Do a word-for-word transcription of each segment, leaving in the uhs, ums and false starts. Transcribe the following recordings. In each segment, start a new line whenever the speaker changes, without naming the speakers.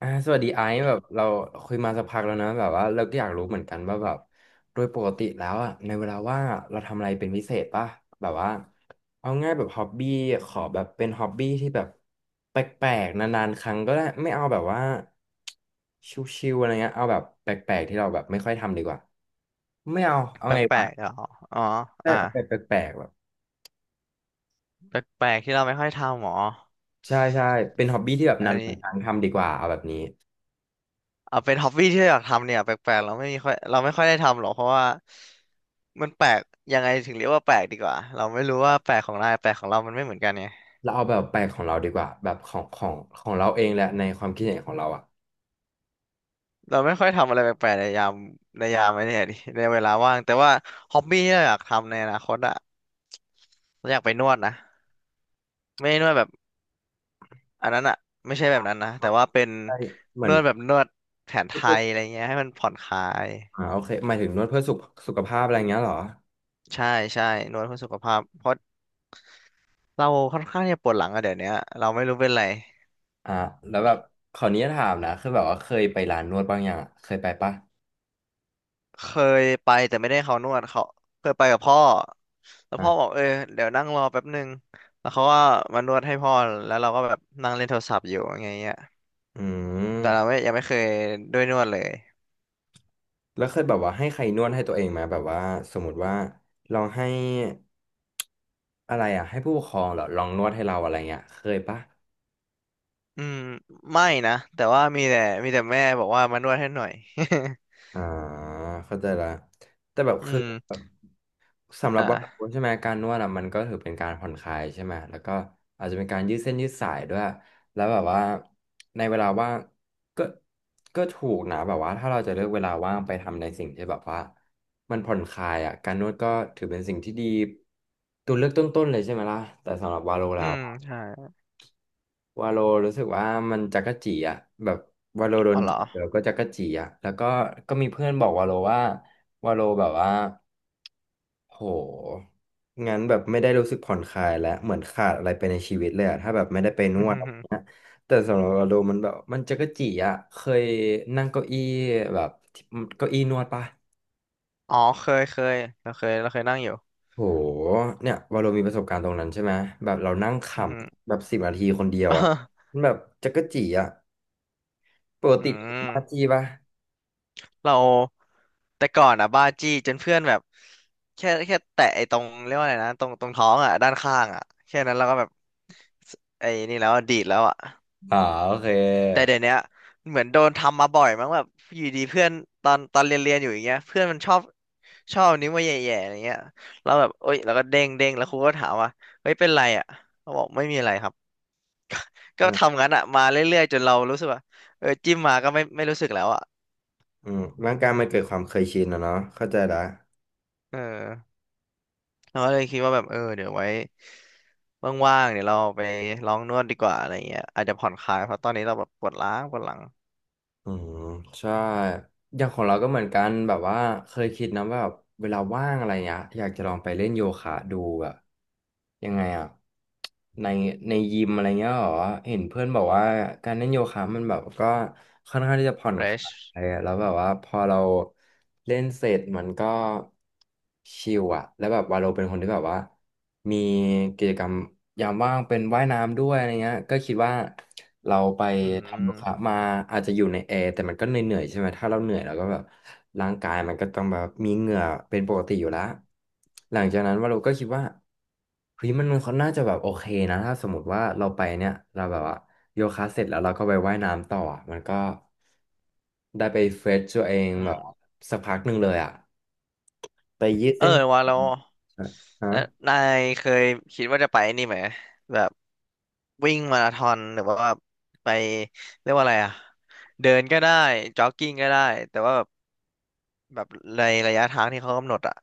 อ่าสวัสดีไอซ์แบบเราคุยมาสักพักแล้วนะแบบว่าเราก็อยากรู้เหมือนกันว่าแบบโดยปกติแล้วอ่ะในเวลาว่างอะเราทำอะไรเป็นพิเศษป่ะแบบว่าเอาง่ายแบบฮ็อบบี้ขอแบบเป็นฮ็อบบี้ที่แบบแปลกๆนานๆครั้งก็ได้ไม่เอาแบบว่าชิวๆอะไรเงี้ยเอาแบบแปลกๆที่เราแบบไม่ค่อยทำดีกว่าไม่เอาเอา
แป
ไง
ล
วะ
กๆเหรออ๋อ
ได้
อ่า
เอาแบบแปลกๆแบบ
แปลกๆที่เราไม่ค่อยทำหมอ
ใช่ใช่เป็นฮ็อบบี้ที่แบบ
อั
นา
น
น
นี้
ๆครั้งทำดีกว่าเอาแบบนี้
เอาเป็นฮ็อบบี้ที่เราอยากทำเนี่ยแปลกๆเราไม่มีค่อยเราไม่ค่อยได้ทำหรอกเพราะว่ามันแปลกยังไงถึงเรียกว่าแปลกดีกว่าเราไม่รู้ว่าแปลกของนายแปลกของเรามันไม่เหมือนกันไง
เราเอาแบบแปลกของเราดีกว่าแบบของของของเราเองแหละในความคิดเห็นของเราอ่ะ
เราไม่ค่อยทำอะไรแปลกๆในยามในยามไอ้เนี่ยดิในเวลาว่างแต่ว่าฮ็อบบี้ที่เราอยากทำในอนาคตอะเราอยากไปนวดนะไม่ได้นวดแบบอันนั้นอะไม่ใช่แบบนั้นนะแต่ว่าเป็น
ใช่เหมื
น
อน
วดแบบนวดแผนไทยอะไรเงี้ยให้มันผ่อนคลาย
อ่าโอเคหมายถึงนวดเพื่อสุขสุขภาพอะไรเงี้ยเหรอ
ใช่ใช่นวดเพื่อสุขภาพเพราะเราค่อนข้างที่จะปวดหลังอะเดี๋ยวเนี้ยเราไม่รู้เป็นไร
อ่าแล้วแบบขออนุญาตถามนะคือแบบว่าเคยไปร้านนวดบ้างยังอะเคยไปปะ
เคยไปแต่ไม่ได้เขานวดเขาเคยไปกับพ่อแล้ว
อ่า
พ่อบอกเออเดี๋ยวนั่งรอแป๊บนึงแล้วเขาก็มานวดให้พ่อแล้วเราก็แบบนั่งเล่นโทรศัพท์อยู่อย่างเงี้ย
อื
แต่เรา
ม
ไม่ยังไม่เคยด้วยนวดเลย
แล้วเคยแบบว่าให้ใครนวดให้ตัวเองไหมแบบว่าสมมติว่าลองให้อะไรอ่ะให้ผู้ปกครองเหรอลองนวดให้เราอะไรเงี้ยเคยปะ
อืมไม่นะแต่ว่ามีแต่มีแต่แม่บอกว่ามานวดให้หน่อย
อ่าเข้าใจละแต่แบบ
อื
คือ
ม
แบบสำหรับบางค
อ่า
นใช่ไหมการนวดอ่ะมันก็ถือเป็นการผ่อนคลายใช่ไหมแล้วก็อาจจะเป็นการยืดเส้นยืดสายด้วยแล้วแบบว่าในเวลาว่างก็ก็ถูกนะแบบว่าถ้าเราจะเลือกเวลาว่างไปทำในสิ่งที่แบบว่ามันผ่อนคลายอ่ะการนวดก็ถือเป็นสิ่งที่ดีตัวเลือกต้นๆเลยใช่ไหมล่ะแต่สำหรับวาโล
อื
แล้ว
มใช่
วาโลรู้สึกว่ามันจั๊กจี้อ่ะแบบวาโลโด
อ๋
น
อเหรอ
จับแล้วก็จั๊กจี้อ่ะแล้วก็ก็มีเพื่อนบอกวาโลว่าวาโลแบบว่าโหงั้นแบบไม่ได้รู้สึกผ่อนคลายและเหมือนขาดอะไรไปในชีวิตเลยอะถ้าแบบไม่ได้ไปน
อืม
วด
อหือ
แต่สำหรับเราโลมันแบบมันจั๊กจี้อ่ะเคยนั่งเก้าอี้แบบที่เก้าอี้นวดปะ
อ๋อเคยเคยเราเคยเราเคยนั่งอยู่
โหเนี่ยวาโลมีประสบการณ์ตรงนั้นใช่ไหมแบบเรานั่งข
อือหือ
ำแบบสิบนาทีคนเดียวอ่ะ มันแบบจั๊กจี้อ่ะปก
อื
ติ
ม
ปาจีปะ
เราแต่ก่อนอ่ะบ้าจี้จนเพื่อนแบบแค่แค่แตะไอ้ตรงเรียกว่าอะไรนะตรงตรงท้องอ่ะด้านข้างอ่ะแค่นั้นเราก็แบบสไอ้นี่แล้วอะดีดแล้วอ่ะ
อ๋อโอเค
แต่เดี๋ยวเนี้ยเหมือนโดนทำมาบ่อยมั้งแบบอยู่ดีเพื่อนตอนตอนเรียนเรียนอยู่อย่างเงี้ยเพื่อนมันชอบชอบนิ้วมาแย่ๆอะไรเงี้ยเราแบบเอ้ยเราก็เด้งเด้งแล้วครูก็ถามว่าเฮ้ยเป็นไรอ่ะเขาบอกไม่มีอะไรครับก็
อืม
ทำงั้นอ่ะมาเรื่อยๆจนเรารู้สึกว่าเออจิ้มมาก็ไม่ไม่รู้สึกแล้วอ่ะ
อืมร่างกายมันเกิดความเคยชินอะเนาะเข้าใจละ
เออ เราก็เลยคิดว่าแบบเออเดี๋ยวไว้ว่างๆเดี๋ยวเราไปลองนวดดีกว่าอะไรเงี้ยอาจจะผ่อนคลายเพราะตอนนี้เราแบบปวดล้างปวดหลัง
อืมใช่อย่างของเราก็เหมือนกันแบบว่าเคยคิดนะว่าแบบเวลาว่างอะไรเงี้ยอยากจะลองไปเล่นโยคะดูแบบยังไงอะในในยิมอะไรเงี้ยเหรอเห็นเพื่อนบอกว่าการเล่นโยคะมันแบบก็
เฟรช
เออแล้วแบบว่าพอเราเล่นเสร็จมันก็ชิลอะแล้วแบบวาโลเป็นคนที่แบบว่ามีกิจกรรมยามว่างเป็นว่ายน้ำด้วยอะไรเงี้ยก็คิดว่าเราไป
อื
ทำโยคะ
ม
มาอาจจะอยู่ในแอร์แต่มันก็เหนื่อยๆใช่ไหมถ้าเราเหนื่อยเราก็แบบร่างกายมันก็ต้องแบบมีเหงื่อเป็นปกติอยู่แล้วหลังจากนั้นวาโลก็คิดว่าเฮ้ยมันมันเขาน่าจะแบบโอเคนะถ้าสมมติว่าเราไปเนี่ยเราแบบว่าโยคะเสร็จแล้วเราก็ไปว่ายน้ำต่ออะมันก็ ได้ไปเฟรชตัวเอง
อื
แบบ
ม
สักพักหนึ่งเลยอ่ะไปยืด
เออ
เส้น
ว่าเรา
ใช่ฮะ
แล้วนายเคยคิดว่าจะไปนี่ไหมแบบวิ่งมาราธอนหรือว่าไปเรียกว่าอะไรอะเดินก็ได้จ็อกกิ้งก็ได้แต่ว่าแบบแบบในระยะทางที่เขากำหนดอะ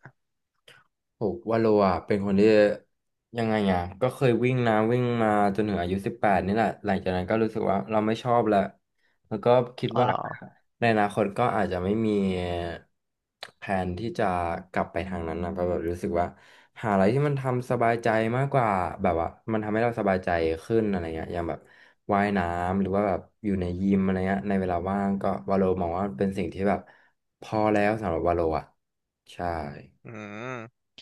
ถูกว่าโลอ่ะเป็นคนที่ยังไงอ่ะก็เคยวิ่งนะวิ่งมาจนถึงอายุสิบแปดนี่แหละหลังจากนั้นก็รู้สึกว่าเราไม่ชอบแล้วแล้วก็คิด
อ๋อ
ว่า
เหรอ
ในอนาคตก็อาจจะไม่มีแผนที่จะกลับไปทางนั้นนะก็แบบรู้สึกว่าหาอะไรที่มันทำสบายใจมากกว่าแบบว่ามันทำให้เราสบายใจขึ้นอะไรเงี้ยอย่างแบบว่ายน้ำหรือว่าแบบอยู่ในยิมอะไรเงี้ยในเวลาว่างก็วาโลมองว่าเป็นสิ่งที่แบบพอแล้วสำหรับวาโลอ่ะใช่
อืม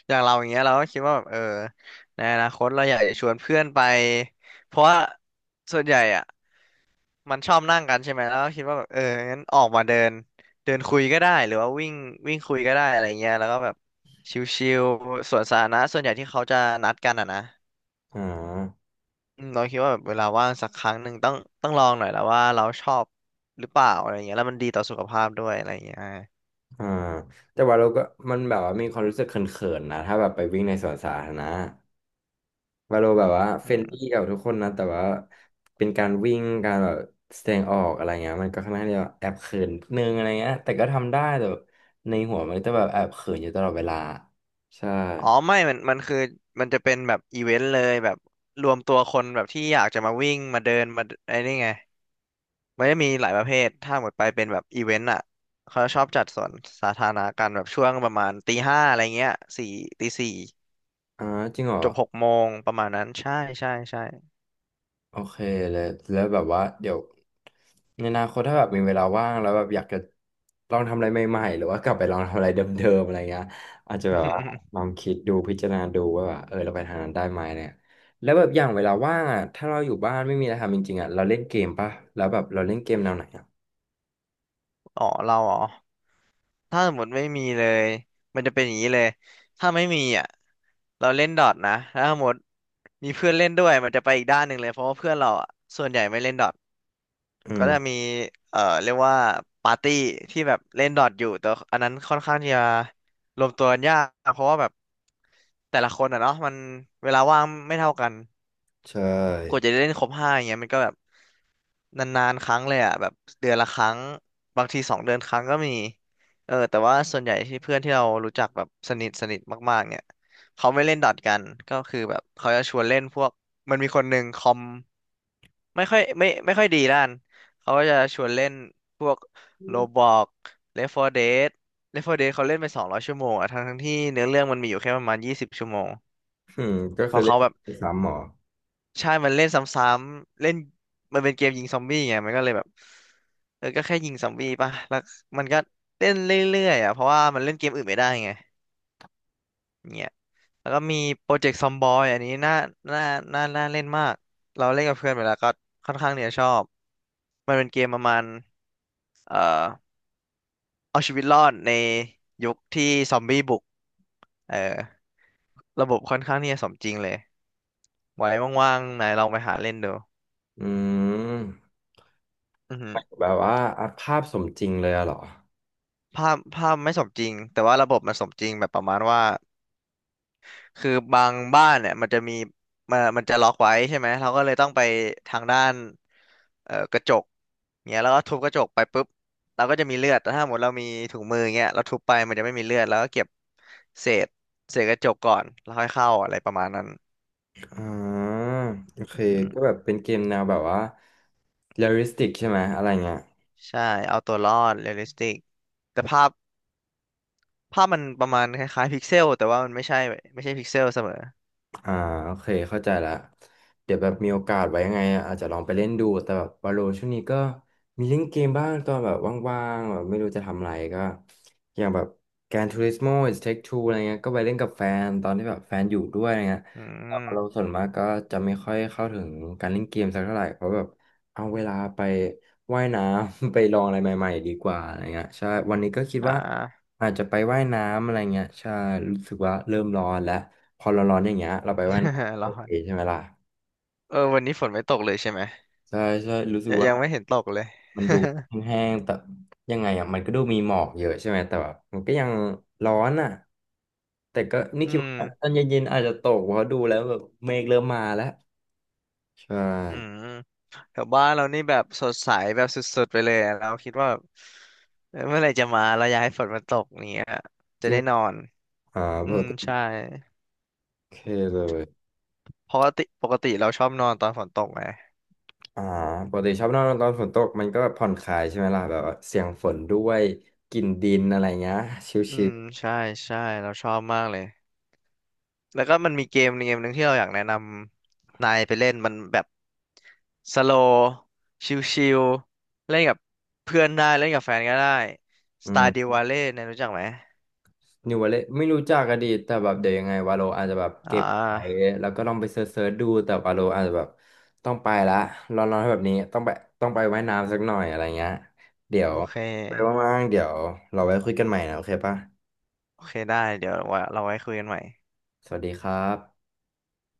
อย่างเราอย่างเงี้ยเราก็คิดว่าแบบเออในอนาคตเราอยากจะชวนเพื่อนไปเพราะว่าส่วนใหญ่อ่ะมันชอบนั่งกันใช่ไหมแล้วก็คิดว่าแบบเอองั้นออกมาเดินเดินคุยก็ได้หรือว่าวิ่งวิ่งคุยก็ได้อะไรเงี้ยแล้วก็แบบชิลๆสวนสาธารณะส่วนใหญ่ที่เขาจะนัดกันอ่ะนะ
อ่า
อืมเราคิดว่าแบบเวลาว่างสักครั้งหนึ่งต้องต้องลองหน่อยแล้วว่าเราชอบหรือเปล่าอะไรเงี้ยแล้วมันดีต่อสุขภาพด้วยอะไรเงี้ย
อ่าแต่ว่าเราก็มันแบบว่ามีความรู้สึกเขินๆนะถ้าแบบไปวิ่งในสวนสาธารณะว่าเราแบบว่าเฟรนลี่กับทุกคนนะแต่ว่าเป็นการวิ่งการแบบแสดงออกอะไรเงี้ยมันก็ค่อนข้างที่จะแอบเขินนิดนึงอะไรเงี้ยแต่ก็ทำได้แต่แบบในหัวมันจะแบบแอบเขินอยู่ตลอดเวลาใช่
อ๋อไม่มันมันคือมันจะเป็นแบบอีเวนต์เลยแบบรวมตัวคนแบบที่อยากจะมาวิ่งมาเดินมาไอ้นี่ไงมันจะมีหลายประเภทถ้าหมดไปเป็นแบบอีเวนต์อ่ะเขาชอบจัดสวนสาธารณะกันแบบช่วงประมาณตีห้าอะไรเงี้ยสี่ตีสี่
อ่าจริงเหรอ
จบหกโมงประมาณนั้นใช่ใช่ใช่
โอเคเลยแล้วแบบว่าเดี๋ยวในอนาคตถ้าแบบมีเวลาว่างแล้วแบบอยากจะลองทำอะไรใหม่ๆหรือว่ากลับไปลองทำอะไรเดิมๆอะไรเงี้ยอาจจะแบบว่าลอง คิดดูพิจารณาดูว่าแบบเออเราไปทางนั้นได้ไหมเนี่ยแล้วแบบอย่างเวลาว่างอ่ะถ้าเราอยู่บ้านไม่มีอะไรทำจริงๆอ่ะเราเล่นเกมป่ะแล้วแบบเราเล่นเกมแนวไหนอ่ะ
อ๋อเราอ๋อถ้าสมมติไม่มีเลยมันจะเป็นอย่างนี้เลย ถ้าไม่มีอ่ะเราเล่นดอทนะถ้าสมมติมีเพื่อนเล่นด้วยมันจะไปอีกด้านหนึ่งเลยเพราะว่าเพื่อนเราอ่ะส่วนใหญ่ไม่เล่นดอท
อื
ก็จะ
ม
มีเอ่อเรียกว่าปาร์ตี้ที่แบบเล่นดอทอยู่แต่อันนั้นค่อนข้างที่จะรวมตัวกันยากเพราะว่าแบบแต่ละคนอะเนาะมันเวลาว่างไม่เท่ากัน
ใช
กว่า
่
จะได้เล่นครบห้าอย่างเงี้ยมันก็แบบนานๆครั้งเลยอ่ะแบบเดือนละครั้งบางทีสองเดือนครั้งก็มีเออแต่ว่าส่วนใหญ่ที่เพื่อนที่เรารู้จักแบบสนิทสนิทมากๆเนี่ยเขาไม่เล่นดอทกันก็คือแบบเขาจะชวนเล่นพวกมันมีคนหนึ่งคอม ไม่ค่อยไม่ไม่ค่อยดีด้านเขาก็จะชวนเล่นพวกโรบอกเลฟโฟร์ Dead เลฟโฟร์ Dead เขาเล่นไปสองร้อยชั่วโมงอะทั้งทั้งที่เนื้อเรื่องมันมีอยู่แค่ประมาณยี่สิบชั่วโมง
อืมก็
เพ
คือ
ราะ
เล่
เขา
น
แบบ
ซ้ำหรอ
ใช่มันเล่นซ้ำๆเล่นมันเป็นเกมยิงซอมบี้ไงมันก็เลยแบบเออก็แค่ยิงซอมบี้ป่ะแล้วมันก็เล่นเรื่อยๆอ่ะเพราะว่ามันเล่นเกมอื่นไม่ได้ไงเนี่ยแล้วก็มีโปรเจกต์ซอมบอยอันนี้น่าน่าน่าน่าเล่นมากเราเล่นกับเพื่อนไปแล้วก็ค่อนข้างเนี่ยชอบมันเป็นเกมประมาณ เอ่อเอาชีวิตรอดในยุคที่ซอมบี้บุกเออระบบค่อนข้างที่จะสมจริงเลยไว้ว่างๆนายลองไปหาเล่นดู
อืม
อือหือ
แบบว่าอัพภาพสมจริงเลยอะเหรอ
ภาพภาพไม่สมจริงแต่ว่าระบบมันสมจริงแบบประมาณว่าคือบางบ้านเนี่ยมันจะมีมันมันจะล็อกไว้ใช่ไหมเราก็เลยต้องไปทางด้านเอ่อกระจกเงี้ยแล้วก็ทุบกระจกไปปุ๊บเราก็จะมีเลือดแต่ถ้าหมดเรามีถุงมือเงี้ยเราทุบไปมันจะไม่มีเลือดแล้วก็เก็บเศษเศษกระจกก่อนแล้วค่อยเข้าอะไรประมาณนั้น
อ่าโอเค
อืม
ก็แบบเป็นเกมแนวแบบว่าเรียลลิสติกใช่ไหมอะไรเงี้ย
ใช่เอาตัวรอดเรียลลิสติกแต่ภาพภาพมันประมาณคล้ายๆพิกเซลแต่ว่ามันไม่ใช่ไม่ใช่พิกเซลเสมอ
อ่าโอเคเข้าใจละเดี๋ยวแบบมีโอกาสไว้ยังไงอาจจะลองไปเล่นดูแต่แบบวาโลช่วงนี้ก็มีเล่นเกมบ้างตอนแบบว่างๆแบบไม่รู้จะทำอะไรก็อย่างแบบ Gran Turismo It Take Two อะไรเงี้ยก็ไปเล่นกับแฟนตอนที่แบบแฟนอยู่ด้วยอะไรเงี้ย
อื
แต่เรา
ม
ส่วนมากก็จะไม่ค่อยเข้าถึงการเล่นเกมสักเท่าไหร่เพราะแบบเอาเวลาไป ว่ายน้ำ ไปลองอะไรใหม่ๆดีกว่าอะไรเงี้ยใช่วันนี้ก็คิด
อ่
ว่า
า
อาจจะไปว่ายน้ำอะไรเงี้ยใช่รู้สึกว่าเริ่มร้อนแล้วพอเราร้อนอย่างเงี้ยเราไปว่ายน้ำ โอ
ร้อ
เค
น
ใช่ไหมล่ะ
เออวันนี้ฝนไม่ตกเลยใช่ไหม
ใช่ใช่รู้สึก
ยัง
ว่า
ยังไม่เห็นตกเลย
มันดู แห้งๆแต่ยังไงอ่ะมันก็ดูมีหมอกเยอะใช่ไหมแต่แบบมันก็ยังร้อนอ่ะแต่ก็นี่
อื
คิด
ม
ว่าตอนเย็นๆอาจจะตกเพราะดูแล้วแบบเมฆเริ่มมาแล้วใช่
อืมแถวบ้านเรานี่แบบสดใสแบบสุดๆไปเลยอะเราคิดว่าแบบเออเมื่อไหร่จะมาเราอยากให้ฝนมันตกอย่างเนี้ยจะ
จริง
ได้นอน
อ่า
อื
เบอ
ม
ร์โ
ใช่
อเคเลย
ปกติปกติเราชอบนอนตอนฝนตกไง
อ่าปกติชอบนอนตอนฝนตกมันก็ผ่อนคลายใช่ไหมล่ะแบบว่าเสียงฝนด้วยกลิ่นดินอะไรเงี้ยชิล
อืมใช่ใช่เราชอบมากเลย แล้วก็มันมีเกมเกมหนึ่งที่เราอยากแนะนำนายไปเล่นมันแบบสโลว์ชิลๆเล่นกับเพื่อนได้เล่นกับแฟนก็ได้
ๆอืม
Stardew Valley เนี่ยรู้จักไหม
นิววาเลตไม่รู้จักอดีตแต่แบบเดี๋ยวยังไงวาโลอาจจะแบบ
อ่
เก็บไว้
า
แล้วก็ลองไปเซิร์ชๆดูแต่วาโลอาจจะแบบต้องไปละร้อนๆแบบนี้ต้องไปต้องไปว่ายน้ำสักหน่อยอะไรเงี้ยเดี๋ย
โอ
ว
เค
ไปว่างๆเดี๋ยวเราไว้คุยกันใหม่นะโอเคปะ
โอเคได้เดี๋ยวว่าเราไว้คุยกันใหม่
สวัสดีครับ